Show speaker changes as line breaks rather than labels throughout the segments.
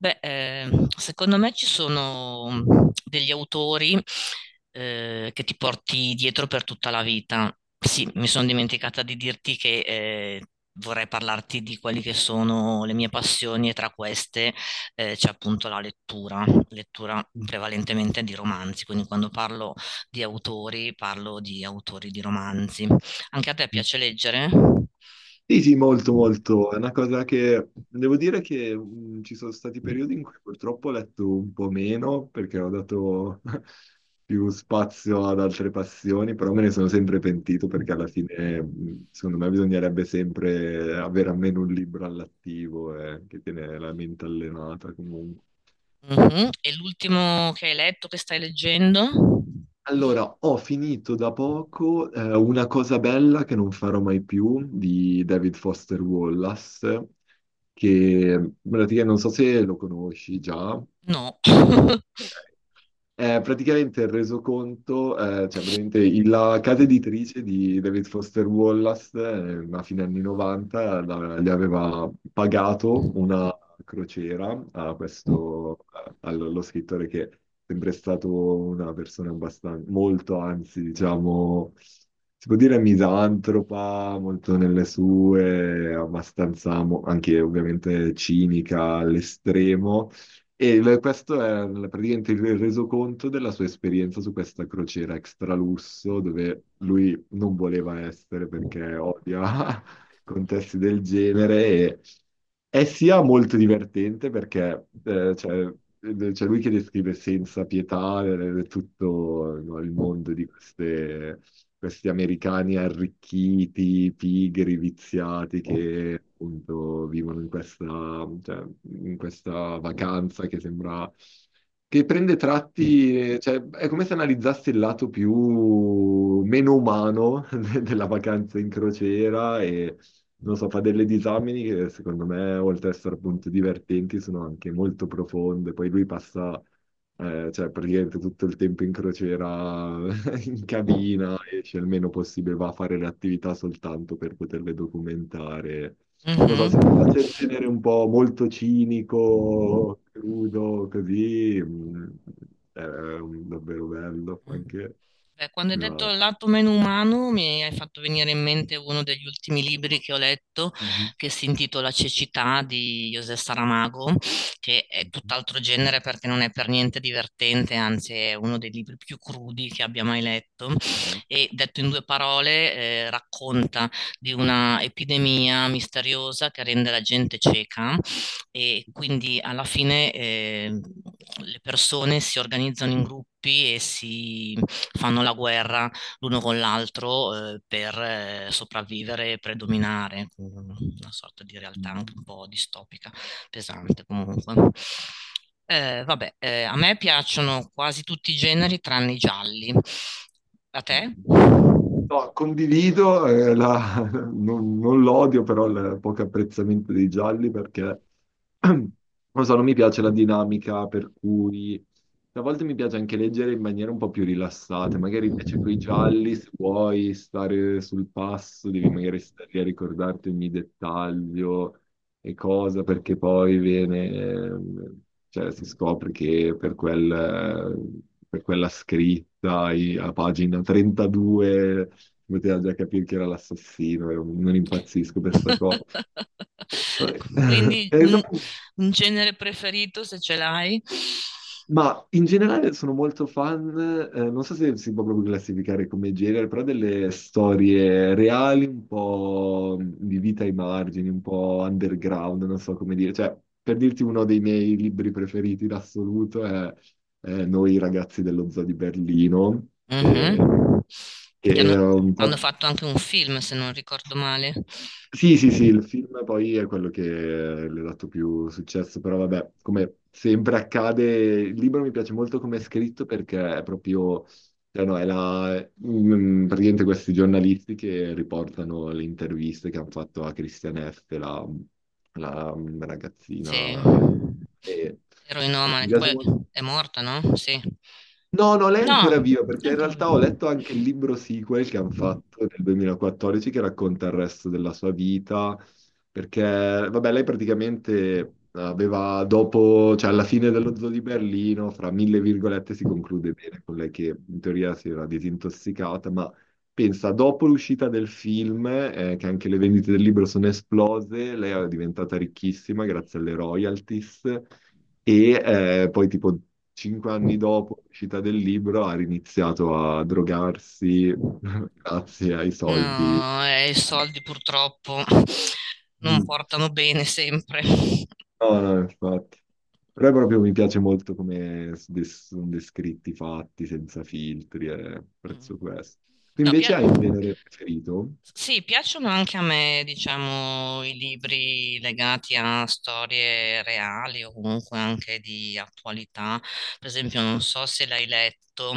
Beh, secondo me ci sono degli autori che ti porti dietro per tutta la vita. Sì, mi sono dimenticata di dirti che vorrei parlarti di quali che sono le mie passioni e tra queste c'è appunto la lettura, lettura prevalentemente di romanzi, quindi quando parlo di autori di romanzi. Anche a te piace leggere?
Sì, sì, molto, molto. È una cosa che devo dire che ci sono stati periodi in cui purtroppo ho letto un po' meno perché ho dato più spazio ad altre passioni, però me ne sono sempre pentito perché alla fine, secondo me, bisognerebbe sempre avere almeno un libro all'attivo che tiene la mente allenata comunque.
Mh-mh. E l'ultimo che hai letto, che stai leggendo?
Allora, ho finito da poco Una cosa bella che non farò mai più di David Foster Wallace, che praticamente non so se lo conosci già.
No.
È praticamente il resoconto, la casa editrice di David Foster Wallace, a fine anni 90, gli aveva pagato una crociera allo scrittore che è sempre stato una persona abbastanza, molto, anzi, diciamo, si può dire misantropa, molto nelle sue, abbastanza anche ovviamente cinica all'estremo e questo è praticamente il resoconto della sua esperienza su questa crociera extra lusso, dove lui non voleva essere perché odia contesti del genere. E è sia molto divertente perché c'è lui che descrive senza pietà tutto no, il mondo di queste questi americani arricchiti, pigri, viziati che appunto vivono cioè, in questa vacanza che sembra che prende tratti, cioè è come se analizzassi il lato più meno umano della vacanza in crociera e non so, fa delle disamine che secondo me, oltre ad essere appunto divertenti, sono anche molto profonde. Poi lui passa cioè praticamente tutto il tempo in crociera, in cabina, esce il meno possibile, va a fare le attività soltanto per poterle documentare. Non so,
Mh-mh.
se ti piace il genere un po' molto cinico, crudo, così, è davvero bello anche.
Beh, quando hai detto
No.
il lato meno umano, mi hai fatto venire in mente uno degli ultimi libri che ho letto,
Mhm.
che si intitola Cecità di José Saramago, che è tutt'altro genere perché non è per niente divertente, anzi è uno dei libri più crudi che abbia mai letto.
Dai.
E detto in due parole, racconta di una epidemia misteriosa che rende la gente cieca e quindi alla fine le persone si organizzano in gruppi e si fanno la guerra l'uno con l'altro per sopravvivere e predominare, una sorta di realtà anche
Mhm.
un po' distopica, pesante comunque. Vabbè, a me piacciono quasi tutti i generi tranne i gialli. A te?
No, condivido, non l'odio, però il poco apprezzamento dei gialli perché non so, non mi piace la dinamica per cui a volte mi piace anche leggere in maniera un po' più rilassata, magari invece con i gialli, se vuoi stare sul passo, devi magari stare lì a ricordarti ogni dettaglio e cosa, perché poi viene, cioè, si scopre che per quella scritta a pagina 32 poteva già capire chi era l'assassino, io non impazzisco per sta cosa. Eh,
Quindi
e so-
un genere preferito se ce l'hai.
Ma in generale sono molto fan, non so se si può proprio classificare come genere, però delle storie reali, un po' di vita ai margini, un po' underground, non so come dire. Cioè, per dirti uno dei miei libri preferiti in assoluto è Noi ragazzi dello zoo di Berlino,
Mhm.
eh,
Che
che
hanno,
era un
hanno
po'...
fatto anche un film, se non ricordo male.
Sì, sì, sì, il film poi è quello che le ha dato più successo, però vabbè, come sempre accade, il libro mi piace molto come è scritto perché è proprio, cioè no, praticamente questi giornalisti che riportano le interviste che hanno fatto a Christiane F., la
Sì.
ragazzina. E,
Eroinomane,
mi
che
piace
poi
molto.
è morta, no? Sì.
No, no, lei è
No,
ancora viva
è
perché in
ancora
realtà ho
viva.
letto anche il libro sequel che hanno fatto nel 2014 che racconta il resto della sua vita, perché vabbè, lei praticamente aveva dopo, cioè alla fine dello zoo di Berlino, fra mille virgolette si conclude bene con lei che in teoria si era disintossicata, ma pensa, dopo l'uscita del film, che anche le vendite del libro sono esplose, lei è diventata ricchissima grazie alle royalties. E poi tipo 5 anni dopo l'uscita del libro ha riniziato a drogarsi grazie ai soldi.
No, i soldi purtroppo non
Mm.
portano bene sempre.
No, no, infatti. Però proprio mi piace molto come sono descritti, i fatti, senza filtri, e
Mm.
apprezzo questo. Tu
No,
invece
Pia-
hai un genere preferito?
Sì, piacciono anche a me, diciamo, i libri legati a storie reali o comunque anche di attualità. Per esempio, non so se l'hai letto,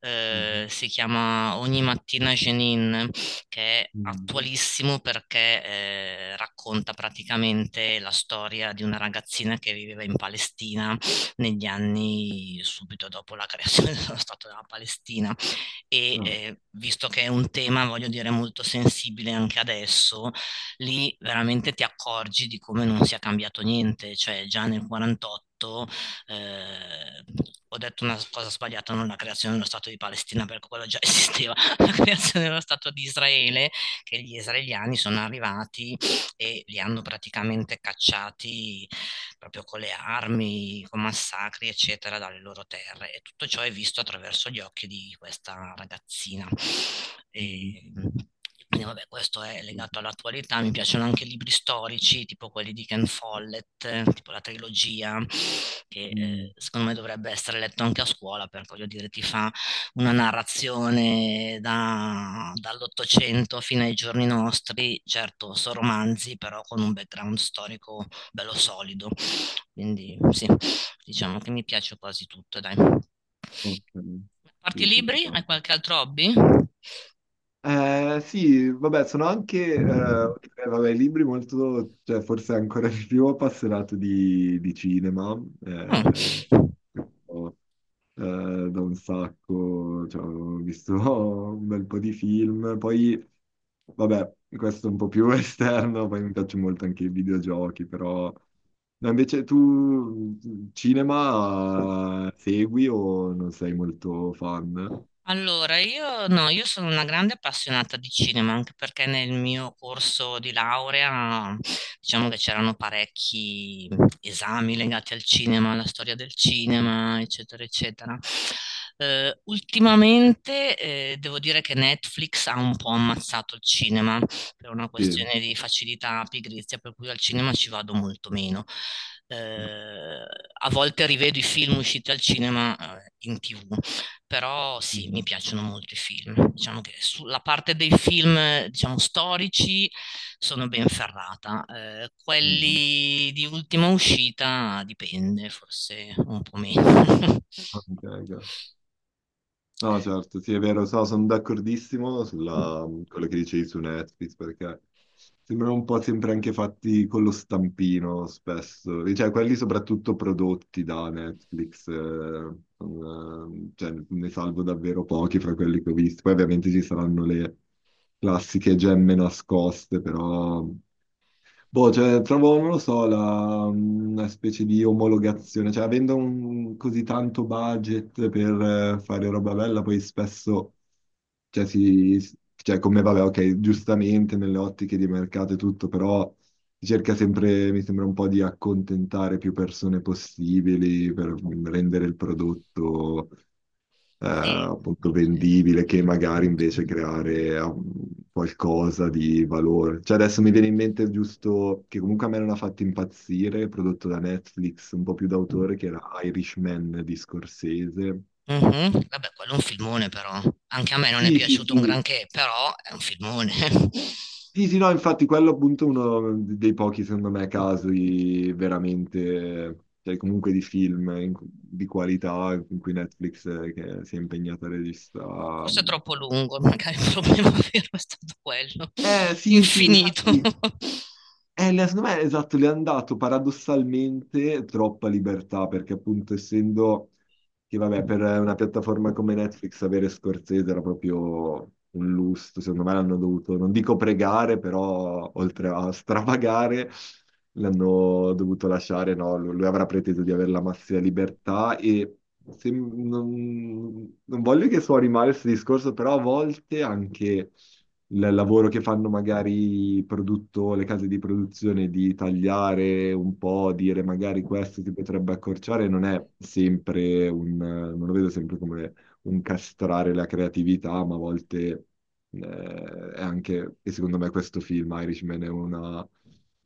Mhm.
si chiama Ogni mattina Jenin, che è
Mm.
attualissimo perché racconta praticamente la storia di una ragazzina che viveva in Palestina negli anni subito dopo la creazione dello Stato della Palestina e
Ah.
visto che è un tema, voglio dire, molto sensibile anche adesso, lì veramente ti accorgi di come non sia cambiato niente, cioè già nel 48 eh, ho detto una cosa sbagliata, non la creazione dello Stato di Palestina, perché quello già esisteva, la creazione dello Stato di Israele, che gli israeliani sono arrivati e li hanno praticamente cacciati proprio con le armi, con massacri, eccetera, dalle loro terre. E tutto ciò è visto attraverso gli occhi di questa ragazzina.
Mhm.
E, quindi vabbè, questo è legato all'attualità, mi piacciono anche libri storici, tipo quelli di Ken Follett, tipo la trilogia, che
Mm.
secondo me dovrebbe essere letto anche a scuola, perché voglio dire, ti fa una narrazione dall'Ottocento fino ai giorni nostri, certo, sono romanzi, però con un background storico bello solido. Quindi sì, diciamo che mi piace quasi tutto, dai. A
Ok.
parte i
Sì, sì, sì,
libri, hai
no.
qualche altro hobby?
Sì, vabbè, sono anche, vabbè, i libri molto, cioè forse ancora di più appassionato di cinema,
Ah.
ho, da un sacco, cioè, ho visto un bel po' di film, poi, vabbè, questo è un po' più esterno, poi mi piacciono molto anche i videogiochi, però... No, invece tu cinema segui o non sei molto fan?
Allora, io no, io sono una grande appassionata di cinema, anche perché nel mio corso di laurea diciamo che c'erano parecchi esami legati al cinema, alla storia del cinema, eccetera, eccetera. Ultimamente devo dire che Netflix ha un po' ammazzato il cinema per una
Sì.
questione di facilità, pigrizia, per cui al cinema ci vado molto meno. Eh, a volte rivedo i film usciti al cinema, in TV però sì, mi
Mhm.
piacciono molto i film. Diciamo che sulla parte dei film, diciamo, storici sono ben ferrata.
Mhm.
Quelli di ultima uscita dipende, forse un po' meno.
Ok, ok. No, certo, sì, è vero, sono d'accordissimo sulla quello che dicevi su Netflix, perché sembrano un po' sempre anche fatti con lo stampino, spesso. Cioè, quelli soprattutto prodotti da Netflix, cioè, ne salvo davvero pochi fra quelli che ho visto. Poi ovviamente ci saranno le classiche gemme nascoste, però... Boh, cioè, trovo, non lo so, una specie di omologazione, cioè avendo così tanto budget per fare roba bella, poi spesso, cioè, cioè come vabbè, ok, giustamente nelle ottiche di mercato e tutto, però si cerca sempre, mi sembra un po' di accontentare più persone possibili per rendere il prodotto
Sì.
appunto
Sì.
vendibile che magari invece creare qualcosa di valore. Cioè adesso mi viene in mente giusto che comunque a me non ha fatto impazzire, prodotto da Netflix, un po' più d'autore, che era Irishman di Scorsese.
Mhm. Vabbè, quello è un filmone però. Anche a me non è
Sì, sì,
piaciuto un
sì.
granché, però è un filmone.
Sì, sì, no, infatti quello appunto è uno dei pochi, secondo me, casi veramente, cioè comunque di film di qualità in cui Netflix che si è impegnata a regista.
Forse è troppo lungo, magari il problema vero è stato quello.
Eh sì, sì,
Infinito.
infatti. Secondo me, esatto, le hanno dato paradossalmente troppa libertà, perché appunto essendo che, vabbè, per una piattaforma come Netflix avere Scorsese era proprio un lusso, secondo me l'hanno dovuto, non dico pregare, però oltre a stravagare, l'hanno dovuto lasciare, no? Lui avrà preteso di avere la massima libertà e non voglio che suoni male questo discorso, però a volte anche il lavoro che fanno magari i le case di produzione di tagliare un po', dire magari questo si potrebbe accorciare, non è sempre un, non lo vedo sempre come un castrare la creatività, ma a volte eh, è anche, e secondo me questo film Irishman è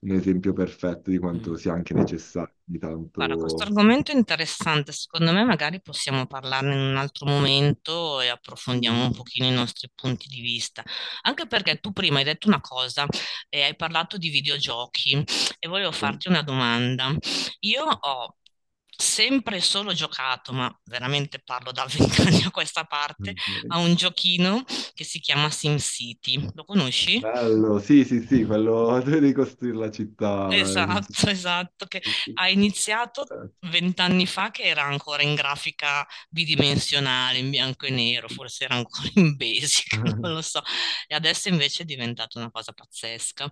un esempio perfetto di quanto
Mm.
sia anche necessario di
Guarda, questo
tanto...
argomento è interessante, secondo me magari possiamo parlarne in un altro momento e approfondiamo un
Mhm.
pochino i nostri punti di vista, anche perché tu prima hai detto una cosa e hai parlato di videogiochi e volevo
Eh,
farti una domanda. Io ho sempre e solo giocato, ma veramente parlo da 20 anni a questa parte, a
ok.
un giochino che si chiama SimCity. Lo conosci?
Bello, sì, sì, sì, quello di ricostruire la città.
Esatto, esatto, che ha iniziato 20 anni fa che era ancora in grafica bidimensionale, in bianco e nero, forse era ancora in basic, non lo so, e adesso invece è diventata una cosa pazzesca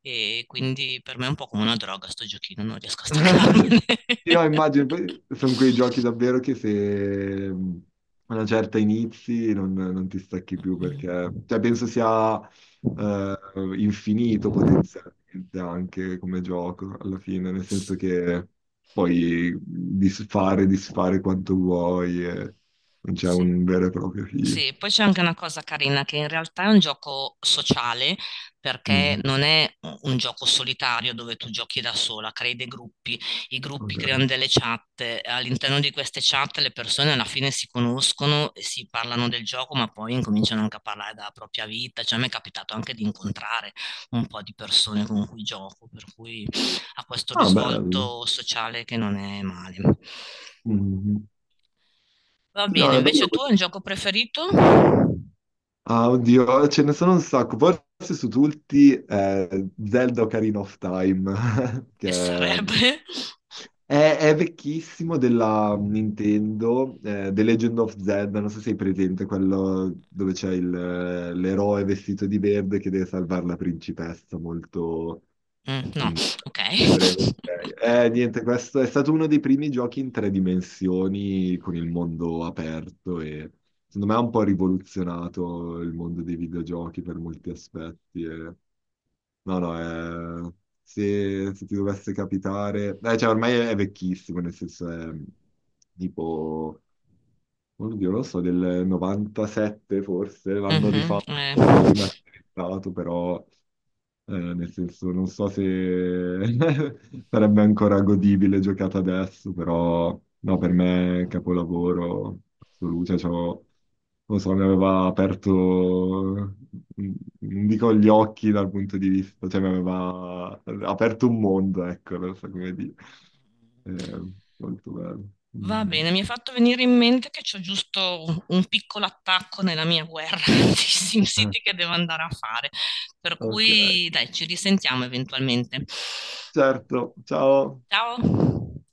e quindi per me è un po' come una droga sto giochino, non riesco a staccarmene.
Sì, no, immagino, poi sono quei giochi davvero che se a una certa inizi non ti stacchi più
Mm.
perché, cioè, penso sia eh, infinito potenzialmente anche come gioco alla fine, nel senso che puoi disfare, disfare quanto vuoi e non c'è
Sì.
un vero e proprio fine.
Sì, poi c'è anche una cosa carina che in realtà è un gioco sociale perché
Mhm,
non è un gioco solitario dove tu giochi da sola, crei dei gruppi, i gruppi
ok.
creano delle chat, all'interno di queste chat le persone alla fine si conoscono e si parlano del gioco, ma poi incominciano anche a parlare della propria vita, cioè mi è capitato anche di incontrare un po' di persone con cui gioco, per cui ha questo
Ah, bello.
risvolto sociale che non è male.
Mhm.
Va
Sì, no,
bene,
è
invece
bello.
tu hai un gioco preferito?
Ah, oddio, ce ne sono un sacco. Forse su tutti Zelda Ocarina of Time, che
Che sarebbe?
è vecchissimo della Nintendo, The Legend of Zelda, non so se hai presente, quello dove c'è l'eroe vestito di verde che deve salvare la principessa, molto,
Mm, no,
in
ok.
breve, ok. Niente, questo è stato uno dei primi giochi in tre dimensioni con il mondo aperto e secondo me ha un po' rivoluzionato il mondo dei videogiochi per molti aspetti. No, no, se ti dovesse capitare... cioè, ormai è vecchissimo, nel senso è tipo, oddio, non lo so, del 97 forse, l'hanno
Mhm, eh.
rifatto, rimasterizzato, però... nel senso, non so se sarebbe ancora godibile giocata adesso, però no, per me è capolavoro assoluto. Cioè, non so, mi aveva aperto, non dico gli occhi dal punto di vista, cioè mi aveva aperto un mondo, ecco, non so come dire. Eh, molto bello.
Va
Mhm.
bene, mi è fatto venire in mente che c'ho giusto un piccolo attacco nella mia guerra di SimCity che devo andare a fare. Per
Ok,
cui, dai, ci risentiamo eventualmente.
certo, ciao.
Ciao.